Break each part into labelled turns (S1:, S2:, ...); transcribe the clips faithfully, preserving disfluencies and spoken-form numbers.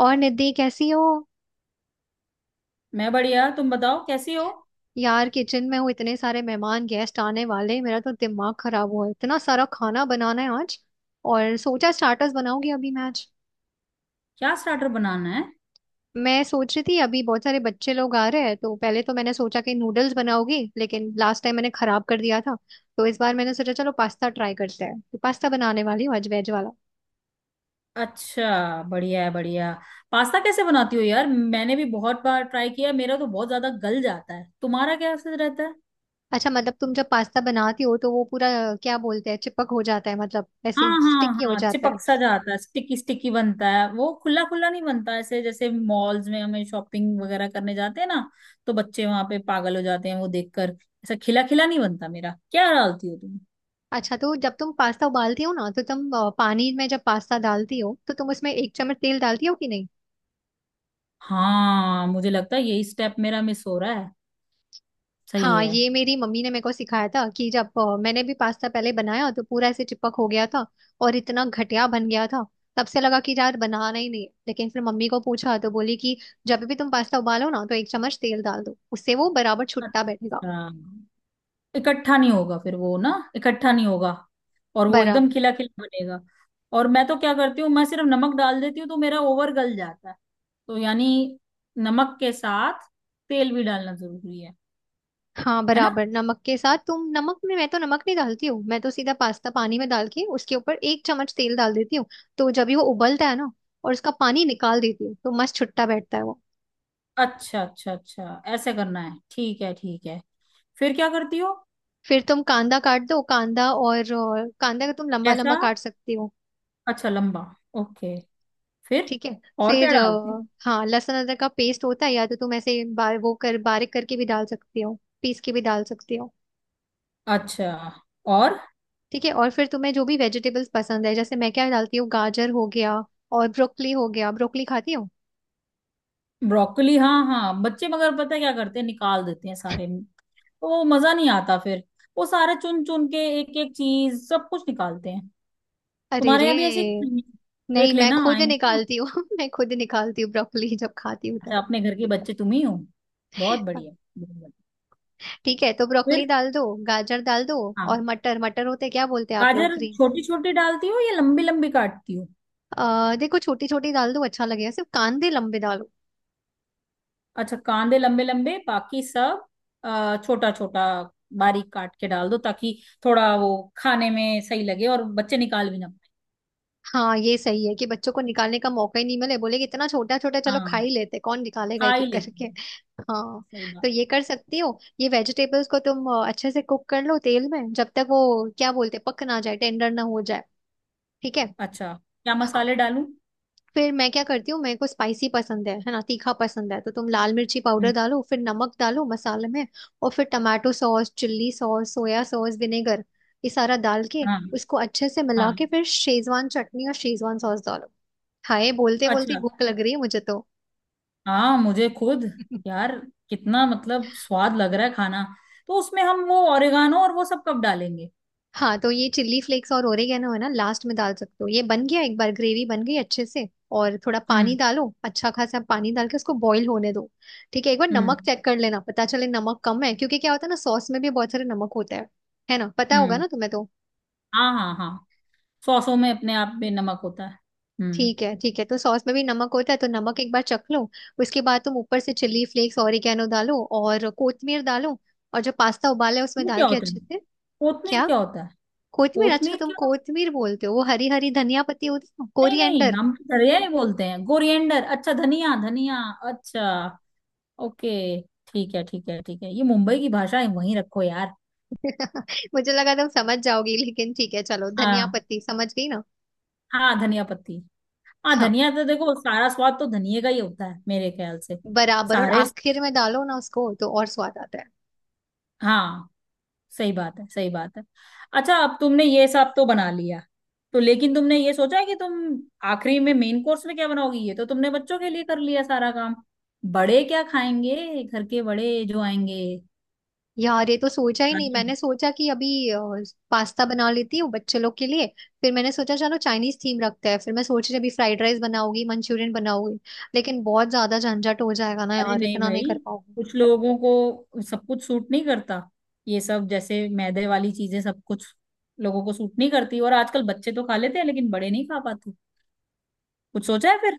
S1: और निधि कैसी हो।
S2: मैं बढ़िया। तुम बताओ कैसी हो।
S1: यार किचन में हूँ, इतने सारे मेहमान गेस्ट आने वाले हैं, मेरा तो दिमाग खराब हुआ है, इतना सारा खाना बनाना है आज। और सोचा स्टार्टर्स बनाऊंगी अभी मैं आज।
S2: क्या स्टार्टर बनाना है।
S1: मैं सोच रही थी अभी बहुत सारे बच्चे लोग आ रहे हैं, तो पहले तो मैंने सोचा कि नूडल्स बनाऊंगी लेकिन लास्ट टाइम मैंने खराब कर दिया था। तो इस बार मैंने सोचा चलो पास्ता ट्राई करते हैं, तो पास्ता बनाने वाली हूँ आज, वेज वाला।
S2: अच्छा, बढ़िया है, बढ़िया। पास्ता कैसे बनाती हो यार? मैंने भी बहुत बार ट्राई किया, मेरा तो बहुत ज्यादा गल जाता है, तुम्हारा कैसे रहता है।
S1: अच्छा मतलब तुम जब पास्ता बनाती हो तो वो पूरा क्या बोलते हैं, चिपक हो जाता है, मतलब
S2: हाँ
S1: ऐसे
S2: हाँ
S1: स्टिकी हो
S2: हाँ,
S1: जाता है।
S2: चिपक सा जाता है, स्टिकी स्टिकी बनता है, वो खुला खुला नहीं बनता। ऐसे जैसे मॉल्स में हमें शॉपिंग वगैरह करने जाते हैं ना, तो बच्चे वहां पे पागल हो जाते हैं वो देखकर। ऐसा खिला खिला नहीं बनता मेरा। क्या डालती हो तुम?
S1: अच्छा तो जब तुम पास्ता उबालती हो ना तो तुम अ, पानी में जब पास्ता डालती हो तो तुम उसमें एक चम्मच तेल डालती हो कि नहीं।
S2: हाँ, मुझे लगता है यही स्टेप मेरा मिस हो रहा है। सही
S1: हाँ,
S2: है।
S1: ये मेरी मम्मी ने मेरे को सिखाया था कि जब अ, मैंने भी पास्ता पहले बनाया तो पूरा ऐसे चिपक हो गया था। और इतना घटिया बन गया था। तब से लगा कि यार बनाना ही नहीं है। लेकिन फिर मम्मी को पूछा तो बोली कि जब भी तुम पास्ता उबालो ना तो एक चम्मच तेल डाल दो, उससे वो बराबर छुट्टा बैठेगा।
S2: अच्छा, इकट्ठा नहीं होगा फिर वो ना। इकट्ठा नहीं होगा। और वो एकदम
S1: बराबर।
S2: खिला खिला बनेगा। और मैं तो क्या करती हूँ, मैं सिर्फ नमक डाल देती हूँ तो मेरा ओवर गल जाता है। तो यानी नमक के साथ तेल भी डालना जरूरी है।
S1: हाँ
S2: है ना।
S1: बराबर, नमक के साथ तुम नमक में, मैं तो नमक नहीं डालती हूँ, मैं तो सीधा पास्ता पानी में डाल के उसके ऊपर एक चम्मच तेल डाल देती हूँ। तो जब ही वो उबलता है ना, और उसका पानी निकाल देती हूँ, तो मस्त छुट्टा बैठता है वो।
S2: अच्छा अच्छा अच्छा, ऐसे करना है। ठीक है ठीक है। फिर क्या करती हो?
S1: फिर तुम कांदा काट दो, कांदा, और अ, कांदा का तुम लंबा
S2: कैसा?
S1: लंबा काट सकती हो।
S2: अच्छा, लंबा। ओके। फिर?
S1: ठीक है।
S2: और क्या
S1: फिर
S2: डालते हैं?
S1: अ, हाँ, लहसुन अदरक का पेस्ट होता है, या तो तुम ऐसे बा, वो कर बारीक करके भी डाल सकती हो। पीस के भी डाल सकती हो।
S2: अच्छा। और
S1: ठीक है, और फिर तुम्हें जो भी वेजिटेबल्स पसंद है, जैसे मैं क्या डालती हूँ, गाजर हो गया। और ब्रोकली हो गया। ब्रोकली खाती हो।
S2: ब्रोकली? हाँ हाँ, बच्चे मगर पता है क्या करते हैं, निकाल देते हैं सारे, तो वो मजा नहीं आता फिर। वो सारे चुन चुन के एक एक चीज सब कुछ निकालते हैं।
S1: अरे
S2: तुम्हारे
S1: रे।
S2: यहाँ भी ऐसे ही नहीं है?
S1: नहीं,
S2: देख
S1: मैं
S2: लेना,
S1: खुद
S2: आएंगे ना।
S1: निकालती हूँ मैं खुद निकालती हूँ ब्रोकली, जब खाती हूँ
S2: अच्छा,
S1: तब।
S2: अपने घर के बच्चे तुम ही हो। बहुत बढ़िया। बहुत बढ़िया।
S1: ठीक है तो ब्रोकली
S2: फिर?
S1: डाल दो, गाजर डाल दो। और
S2: हाँ।
S1: मटर, मटर होते हैं, क्या बोलते हैं आप लोग,
S2: गाजर
S1: ग्रीन।
S2: छोटी छोटी डालती हो या लंबी लंबी काटती हो?
S1: अः देखो छोटी छोटी डाल दो, अच्छा लगेगा, सिर्फ कांदे लंबे डालो।
S2: अच्छा, कांदे लंबे लंबे, बाकी सब छोटा छोटा। बारीक काट के डाल दो ताकि थोड़ा वो खाने में सही लगे और बच्चे निकाल भी ना पाए।
S1: हाँ ये सही है कि बच्चों को निकालने का मौका ही नहीं मिले, बोले कि इतना छोटा छोटा चलो खा
S2: हाँ,
S1: ही लेते, कौन निकालेगा
S2: खा
S1: एक
S2: ही
S1: एक
S2: लेते
S1: करके
S2: हैं।
S1: हाँ।
S2: सही
S1: तो
S2: बात।
S1: ये कर सकती हो, ये वेजिटेबल्स को तुम अ, अच्छे से कुक कर लो तेल में, जब तक वो क्या बोलते हैं, पक ना जाए, टेंडर ना हो जाए। ठीक है।
S2: अच्छा, क्या मसाले डालूं?
S1: फिर मैं क्या करती हूँ, मेरे को स्पाइसी पसंद है है ना, तीखा पसंद है, तो तुम लाल मिर्ची पाउडर
S2: हम्म।
S1: डालो, फिर नमक डालो मसाले में। और फिर tomato sauce, chilli sauce, soya sauce, vinegar, ये सारा डाल के
S2: हाँ
S1: उसको अच्छे से मिला
S2: हाँ।
S1: के फिर शेजवान चटनी और शेजवान सॉस डालो। हाय बोलते बोलते
S2: अच्छा।
S1: भूख लग रही है मुझे तो।
S2: हाँ मुझे खुद, यार, कितना मतलब स्वाद लग रहा है खाना। तो उसमें हम वो ओरिगानो और वो सब कब डालेंगे?
S1: हाँ तो ये चिल्ली फ्लेक्स और ओरिगेनो है ना, लास्ट में डाल सकते हो। ये बन गया, एक बार ग्रेवी बन गई अच्छे से। और थोड़ा पानी
S2: हम्म।
S1: डालो, अच्छा खासा पानी डाल के उसको बॉईल होने दो। ठीक है, एक बार नमक
S2: हम्म।
S1: चेक कर लेना, पता चले नमक कम है, क्योंकि क्या होता है ना, सॉस में भी बहुत सारे नमक होता है। है ना, पता होगा
S2: हम्म।
S1: ना तुम्हें तो।
S2: हाँ हाँ हाँ, सॉसों में अपने आप में नमक होता है। हम्म।
S1: ठीक है ठीक है, तो सॉस में भी नमक होता है, तो नमक एक बार चख लो। उसके बाद तुम ऊपर से चिल्ली फ्लेक्स, ओरिगेनो डालो और कोथमीर डालो। और जो पास्ता उबाला है उसमें
S2: वो
S1: डाल
S2: क्या
S1: के
S2: होता है?
S1: अच्छे से।
S2: कोथमीर
S1: क्या?
S2: क्या होता है?
S1: कोथमीर, अच्छा
S2: कोथमीर
S1: तुम
S2: क्या होता
S1: कोथमीर बोलते हो, वो हरी हरी धनिया पत्ती होती है,
S2: है, नहीं नहीं,
S1: कोरिएंडर।
S2: हम तो धनिया ही बोलते हैं, कोरिएंडर। अच्छा, धनिया धनिया। अच्छा। ओके। ठीक है ठीक है ठीक है, ये मुंबई की भाषा है, वहीं रखो यार।
S1: मुझे लगा तुम समझ जाओगी, लेकिन ठीक है चलो, धनिया
S2: हाँ।
S1: पत्ती समझ गई ना।
S2: हाँ, धनिया पत्ती। हाँ,
S1: हाँ
S2: धनिया तो देखो सारा स्वाद तो धनिया का ही होता है मेरे ख्याल से।
S1: बराबर, और
S2: सारे।
S1: आखिर में डालो ना उसको तो और स्वाद आता है।
S2: हाँ। सही बात है, सही बात है। अच्छा, अब तुमने ये सब तो बना लिया, तो लेकिन तुमने ये सोचा है कि तुम आखिरी में मेन कोर्स में क्या बनाओगी? ये तो तुमने बच्चों के लिए कर लिया सारा काम, बड़े क्या खाएंगे घर के, बड़े जो आएंगे।
S1: यार ये तो सोचा ही नहीं, मैंने सोचा कि अभी अ, पास्ता बना लेती हूँ बच्चे लोग के लिए। फिर मैंने सोचा चलो चाइनीज थीम रखते हैं, फिर मैं सोच रही अभी फ्राइड राइस बनाऊंगी, मंचूरियन बनाऊंगी। लेकिन बहुत ज्यादा झंझट हो जाएगा ना
S2: अरे
S1: यार,
S2: नहीं
S1: इतना नहीं
S2: भाई,
S1: कर पाऊंगी।
S2: कुछ लोगों को सब कुछ सूट नहीं करता। ये सब जैसे मैदे वाली चीजें सब कुछ लोगों को सूट नहीं करती, और आजकल बच्चे तो खा लेते हैं लेकिन बड़े नहीं खा पाते। कुछ सोचा है फिर?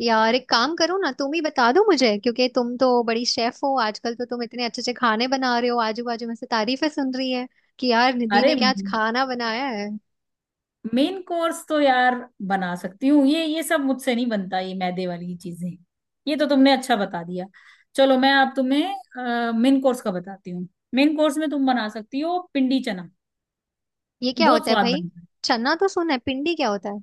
S1: यार एक काम करो ना, तुम ही बता दो मुझे, क्योंकि तुम तो बड़ी शेफ हो आजकल, तो तुम इतने अच्छे अच्छे खाने बना रहे हो, आजू बाजू में से तारीफें सुन रही है कि यार निधि
S2: अरे,
S1: ने क्या आज खाना बनाया है।
S2: मेन कोर्स तो यार बना सकती हूँ, ये ये सब मुझसे नहीं बनता, ये मैदे वाली चीजें। ये तो तुमने अच्छा बता दिया। चलो, मैं अब तुम्हें मेन कोर्स का बताती हूँ। मेन कोर्स में तुम बना सकती हो पिंडी चना।
S1: ये क्या
S2: बहुत
S1: होता है
S2: स्वाद
S1: भाई,
S2: बनता है।
S1: चना तो सुना है, पिंडी क्या होता है।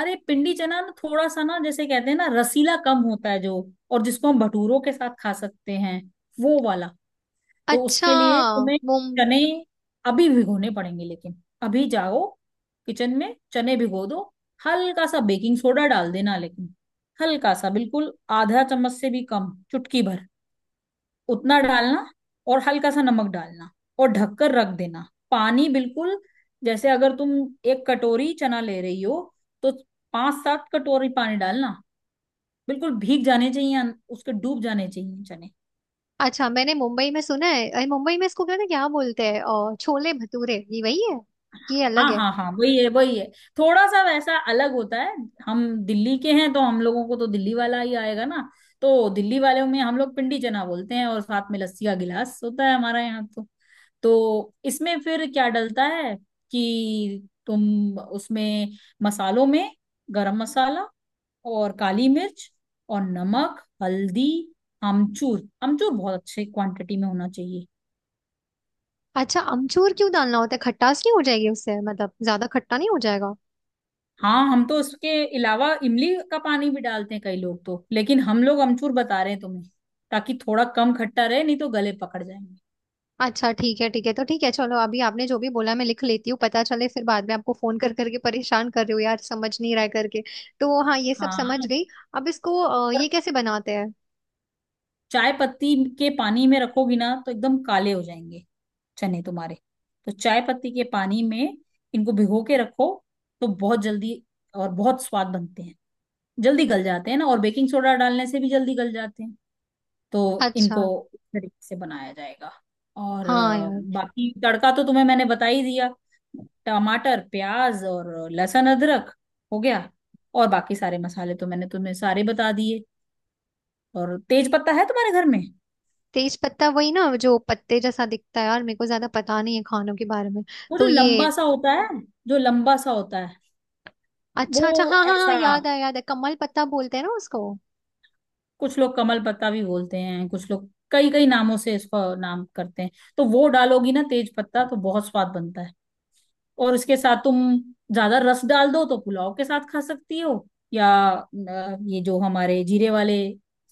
S2: अरे पिंडी चना ना, थोड़ा सा ना, जैसे कहते हैं ना, रसीला कम होता है जो, और जिसको हम भटूरों के साथ खा सकते हैं, वो वाला। तो
S1: अच्छा।
S2: उसके लिए तुम्हें
S1: मुम
S2: चने अभी भिगोने पड़ेंगे। लेकिन अभी जाओ, किचन में चने भिगो दो। हल्का सा बेकिंग सोडा डाल देना लेकिन, हल्का सा, बिल्कुल आधा चम्मच से भी कम, चुटकी भर उतना डालना। और हल्का सा नमक डालना, और ढककर रख देना। पानी बिल्कुल, जैसे अगर तुम एक कटोरी चना ले रही हो, तो पांच सात कटोरी पानी डालना। बिल्कुल भीग जाने चाहिए, अं- उसके डूब जाने चाहिए चने।
S1: अच्छा मैंने मुंबई में सुना है, अरे मुंबई में इसको क्या ना क्या बोलते हैं, और छोले भटूरे, ये वही है कि ये अलग
S2: हाँ
S1: है।
S2: हाँ हाँ, वही है वही है। थोड़ा सा वैसा अलग होता है। हम दिल्ली के हैं तो हम लोगों को तो दिल्ली वाला ही आएगा ना। तो दिल्ली वालों में हम लोग पिंडी चना बोलते हैं, और साथ में लस्सी का गिलास होता है हमारे यहाँ तो। तो इसमें फिर क्या डलता है कि तुम उसमें, मसालों में, गरम मसाला और काली मिर्च और नमक हल्दी, अमचूर। अमचूर बहुत अच्छे क्वांटिटी में होना चाहिए।
S1: अच्छा अमचूर क्यों डालना होता है, खटास नहीं हो जाएगी उससे, मतलब ज्यादा खट्टा नहीं हो जाएगा।
S2: हाँ, हम तो उसके अलावा इमली का पानी भी डालते हैं कई लोग तो, लेकिन हम लोग अमचूर बता रहे हैं तुम्हें, ताकि थोड़ा कम खट्टा रहे, नहीं तो गले पकड़ जाएंगे।
S1: अच्छा ठीक है ठीक है, तो ठीक है चलो, अभी आपने जो भी बोला मैं लिख लेती हूँ, पता चले फिर बाद में आपको फोन कर करके परेशान कर रही हूँ यार, समझ नहीं रहा है करके। तो हाँ ये सब समझ
S2: हाँ।
S1: गई। अब इसको अ,
S2: और
S1: ये कैसे बनाते हैं।
S2: चाय पत्ती के पानी में रखोगी ना तो एकदम काले हो जाएंगे चने तुम्हारे। तो चाय पत्ती के पानी में इनको भिगो के रखो, तो बहुत जल्दी और बहुत स्वाद बनते हैं। जल्दी गल जाते हैं ना, और बेकिंग सोडा डालने से भी जल्दी गल जाते हैं। तो
S1: अच्छा।
S2: इनको इस तरीके से बनाया जाएगा। और
S1: हाँ
S2: अ,
S1: यार।
S2: बाकी तड़का तो तुम्हें मैंने बता ही दिया। टमाटर, प्याज और लहसुन अदरक। हो गया। और बाकी सारे मसाले तो मैंने तुम्हें सारे बता दिए। और तेज पत्ता है तुम्हारे घर में?
S1: तेज पत्ता वही ना जो पत्ते जैसा दिखता है, यार मेरे को ज्यादा पता नहीं है खानों के बारे में।
S2: वो
S1: तो
S2: जो
S1: ये।
S2: लंबा सा होता है, जो लंबा सा होता है,
S1: अच्छा अच्छा,
S2: वो
S1: हाँ हाँ हाँ,
S2: ऐसा।
S1: याद आया, याद है, कमल पत्ता बोलते हैं ना उसको।
S2: कुछ लोग कमल पत्ता भी बोलते हैं, कुछ लोग कई कई नामों से इसको नाम करते हैं। तो वो डालोगी ना तेज पत्ता, तो बहुत स्वाद बनता है। और इसके साथ तुम ज्यादा रस डाल दो तो पुलाव के साथ खा सकती हो, या अ, ये जो हमारे जीरे वाले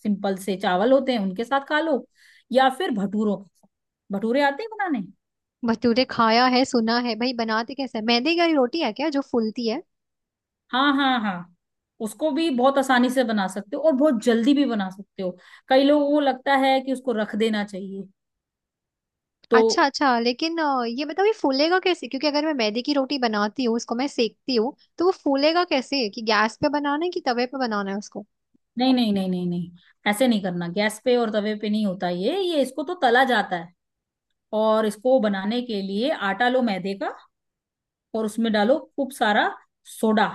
S2: सिंपल से चावल होते हैं, उनके साथ खा लो, या फिर भटूरों के साथ। भटूरे आते हैं बनाने?
S1: भटूरे खाया है, सुना है भाई, बनाते कैसे, मैदे की रोटी है क्या, जो फूलती है।
S2: हाँ हाँ हाँ। उसको भी बहुत आसानी से बना सकते हो, और बहुत जल्दी भी बना सकते हो। कई लोगों को लगता है कि उसको रख देना चाहिए,
S1: अच्छा
S2: तो
S1: अच्छा, लेकिन अ, ये बताओ, ये फूलेगा कैसे, क्योंकि अगर मैं मैदे की रोटी बनाती हूँ उसको मैं सेकती हूँ तो वो फूलेगा कैसे, कि गैस पे बनाना है कि तवे पे बनाना है उसको।
S2: नहीं नहीं नहीं नहीं नहीं, ऐसे नहीं करना। गैस पे और तवे पे नहीं होता ये ये इसको तो तला जाता है। और इसको बनाने के लिए आटा लो मैदे का, और उसमें डालो खूब सारा सोडा।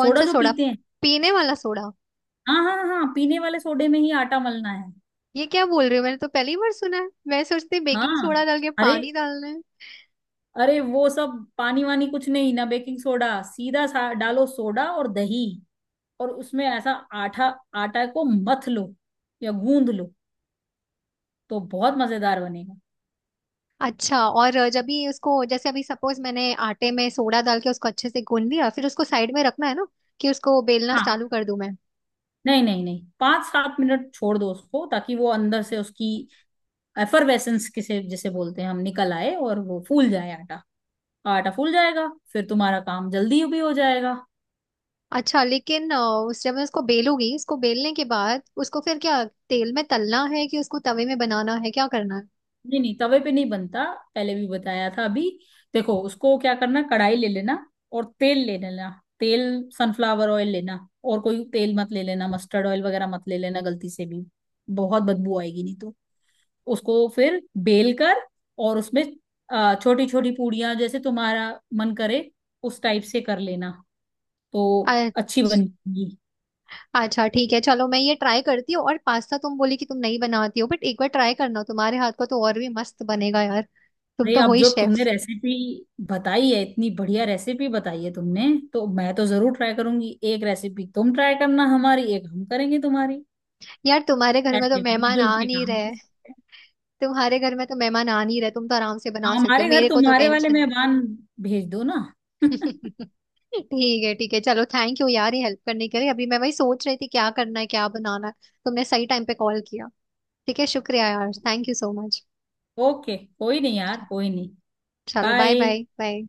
S1: कौन
S2: सोडा
S1: सा
S2: जो
S1: सोडा?
S2: पीते हैं,
S1: पीने वाला सोडा?
S2: हाँ हाँ हाँ हाँ। पीने वाले सोडे में ही आटा मलना है।
S1: ये क्या बोल रही हो, मैंने तो पहली बार सुना है, मैं सोचती बेकिंग
S2: हाँ।
S1: सोडा डाल के
S2: अरे,
S1: पानी डालना है।
S2: अरे वो सब पानी वानी कुछ नहीं ना, बेकिंग सोडा सीधा सा डालो, सोडा और दही, और उसमें ऐसा आटा, आटा को मथ लो या गूंद लो, तो बहुत मजेदार बनेगा।
S1: अच्छा और अ, जब भी उसको, जैसे अभी सपोज मैंने आटे में सोडा डाल के उसको अच्छे से गूंद लिया, फिर उसको साइड में रखना है ना कि उसको बेलना
S2: हाँ,
S1: चालू कर दूं मैं।
S2: नहीं नहीं नहीं, पांच सात मिनट छोड़ दो उसको, ताकि वो अंदर से उसकी एफरवेसेंस किसे जिसे बोलते हैं हम, निकल आए, और वो फूल जाए आटा। आटा फूल जाएगा, फिर तुम्हारा काम जल्दी भी हो जाएगा।
S1: अच्छा लेकिन अ, उस जब मैं उसको बेलूंगी, इसको बेलने के बाद उसको फिर क्या, तेल में तलना है कि उसको तवे में बनाना है, क्या करना है।
S2: नहीं नहीं, तवे पे नहीं बनता, पहले भी बताया था अभी। देखो, उसको क्या करना, कढ़ाई ले लेना, और तेल ले लेना। तेल, सनफ्लावर ऑयल लेना, और कोई तेल मत ले लेना, मस्टर्ड ऑयल वगैरह मत ले लेना गलती से भी, बहुत बदबू आएगी नहीं तो। उसको फिर बेल कर, और उसमें छोटी छोटी पूड़ियां जैसे तुम्हारा मन करे, उस टाइप से कर लेना, तो
S1: अ-
S2: अच्छी बनेगी।
S1: अच्छा ठीक है चलो, मैं ये ट्राई करती हूँ। और पास्ता तुम बोली कि तुम नहीं बनाती हो, बट एक बार ट्राई करना, तुम्हारे हाथ का तो और भी मस्त बनेगा यार, तुम
S2: अरे,
S1: तो हो
S2: अब
S1: ही
S2: जो
S1: शेफ।
S2: तुमने रेसिपी बताई है, इतनी बढ़िया रेसिपी बताई है तुमने, तो मैं तो जरूर ट्राई करूंगी। एक रेसिपी तुम ट्राई करना हमारी, एक हम करेंगे तुम्हारी।
S1: यार तुम्हारे घर में तो
S2: ऐसे
S1: मेहमान
S2: मिलजुल
S1: आ
S2: के
S1: नहीं
S2: काम
S1: रहे,
S2: कर सकते हैं।
S1: तुम्हारे घर में तो मेहमान आ नहीं रहे, तुम तो आराम से
S2: हाँ,
S1: बना सकती हो,
S2: हमारे घर
S1: मेरे को तो
S2: तुम्हारे वाले
S1: टेंशन है।
S2: मेहमान भेज दो ना।
S1: ठीक है ठीक है, चलो थैंक यू यार ये हेल्प करने के लिए, अभी मैं वही सोच रही थी क्या करना है क्या बनाना है, तुमने सही टाइम पे कॉल किया। ठीक है, शुक्रिया यार, thank you so much.
S2: Okay, कोई नहीं यार, कोई नहीं।
S1: चलो बाय
S2: बाय।
S1: Bye bye.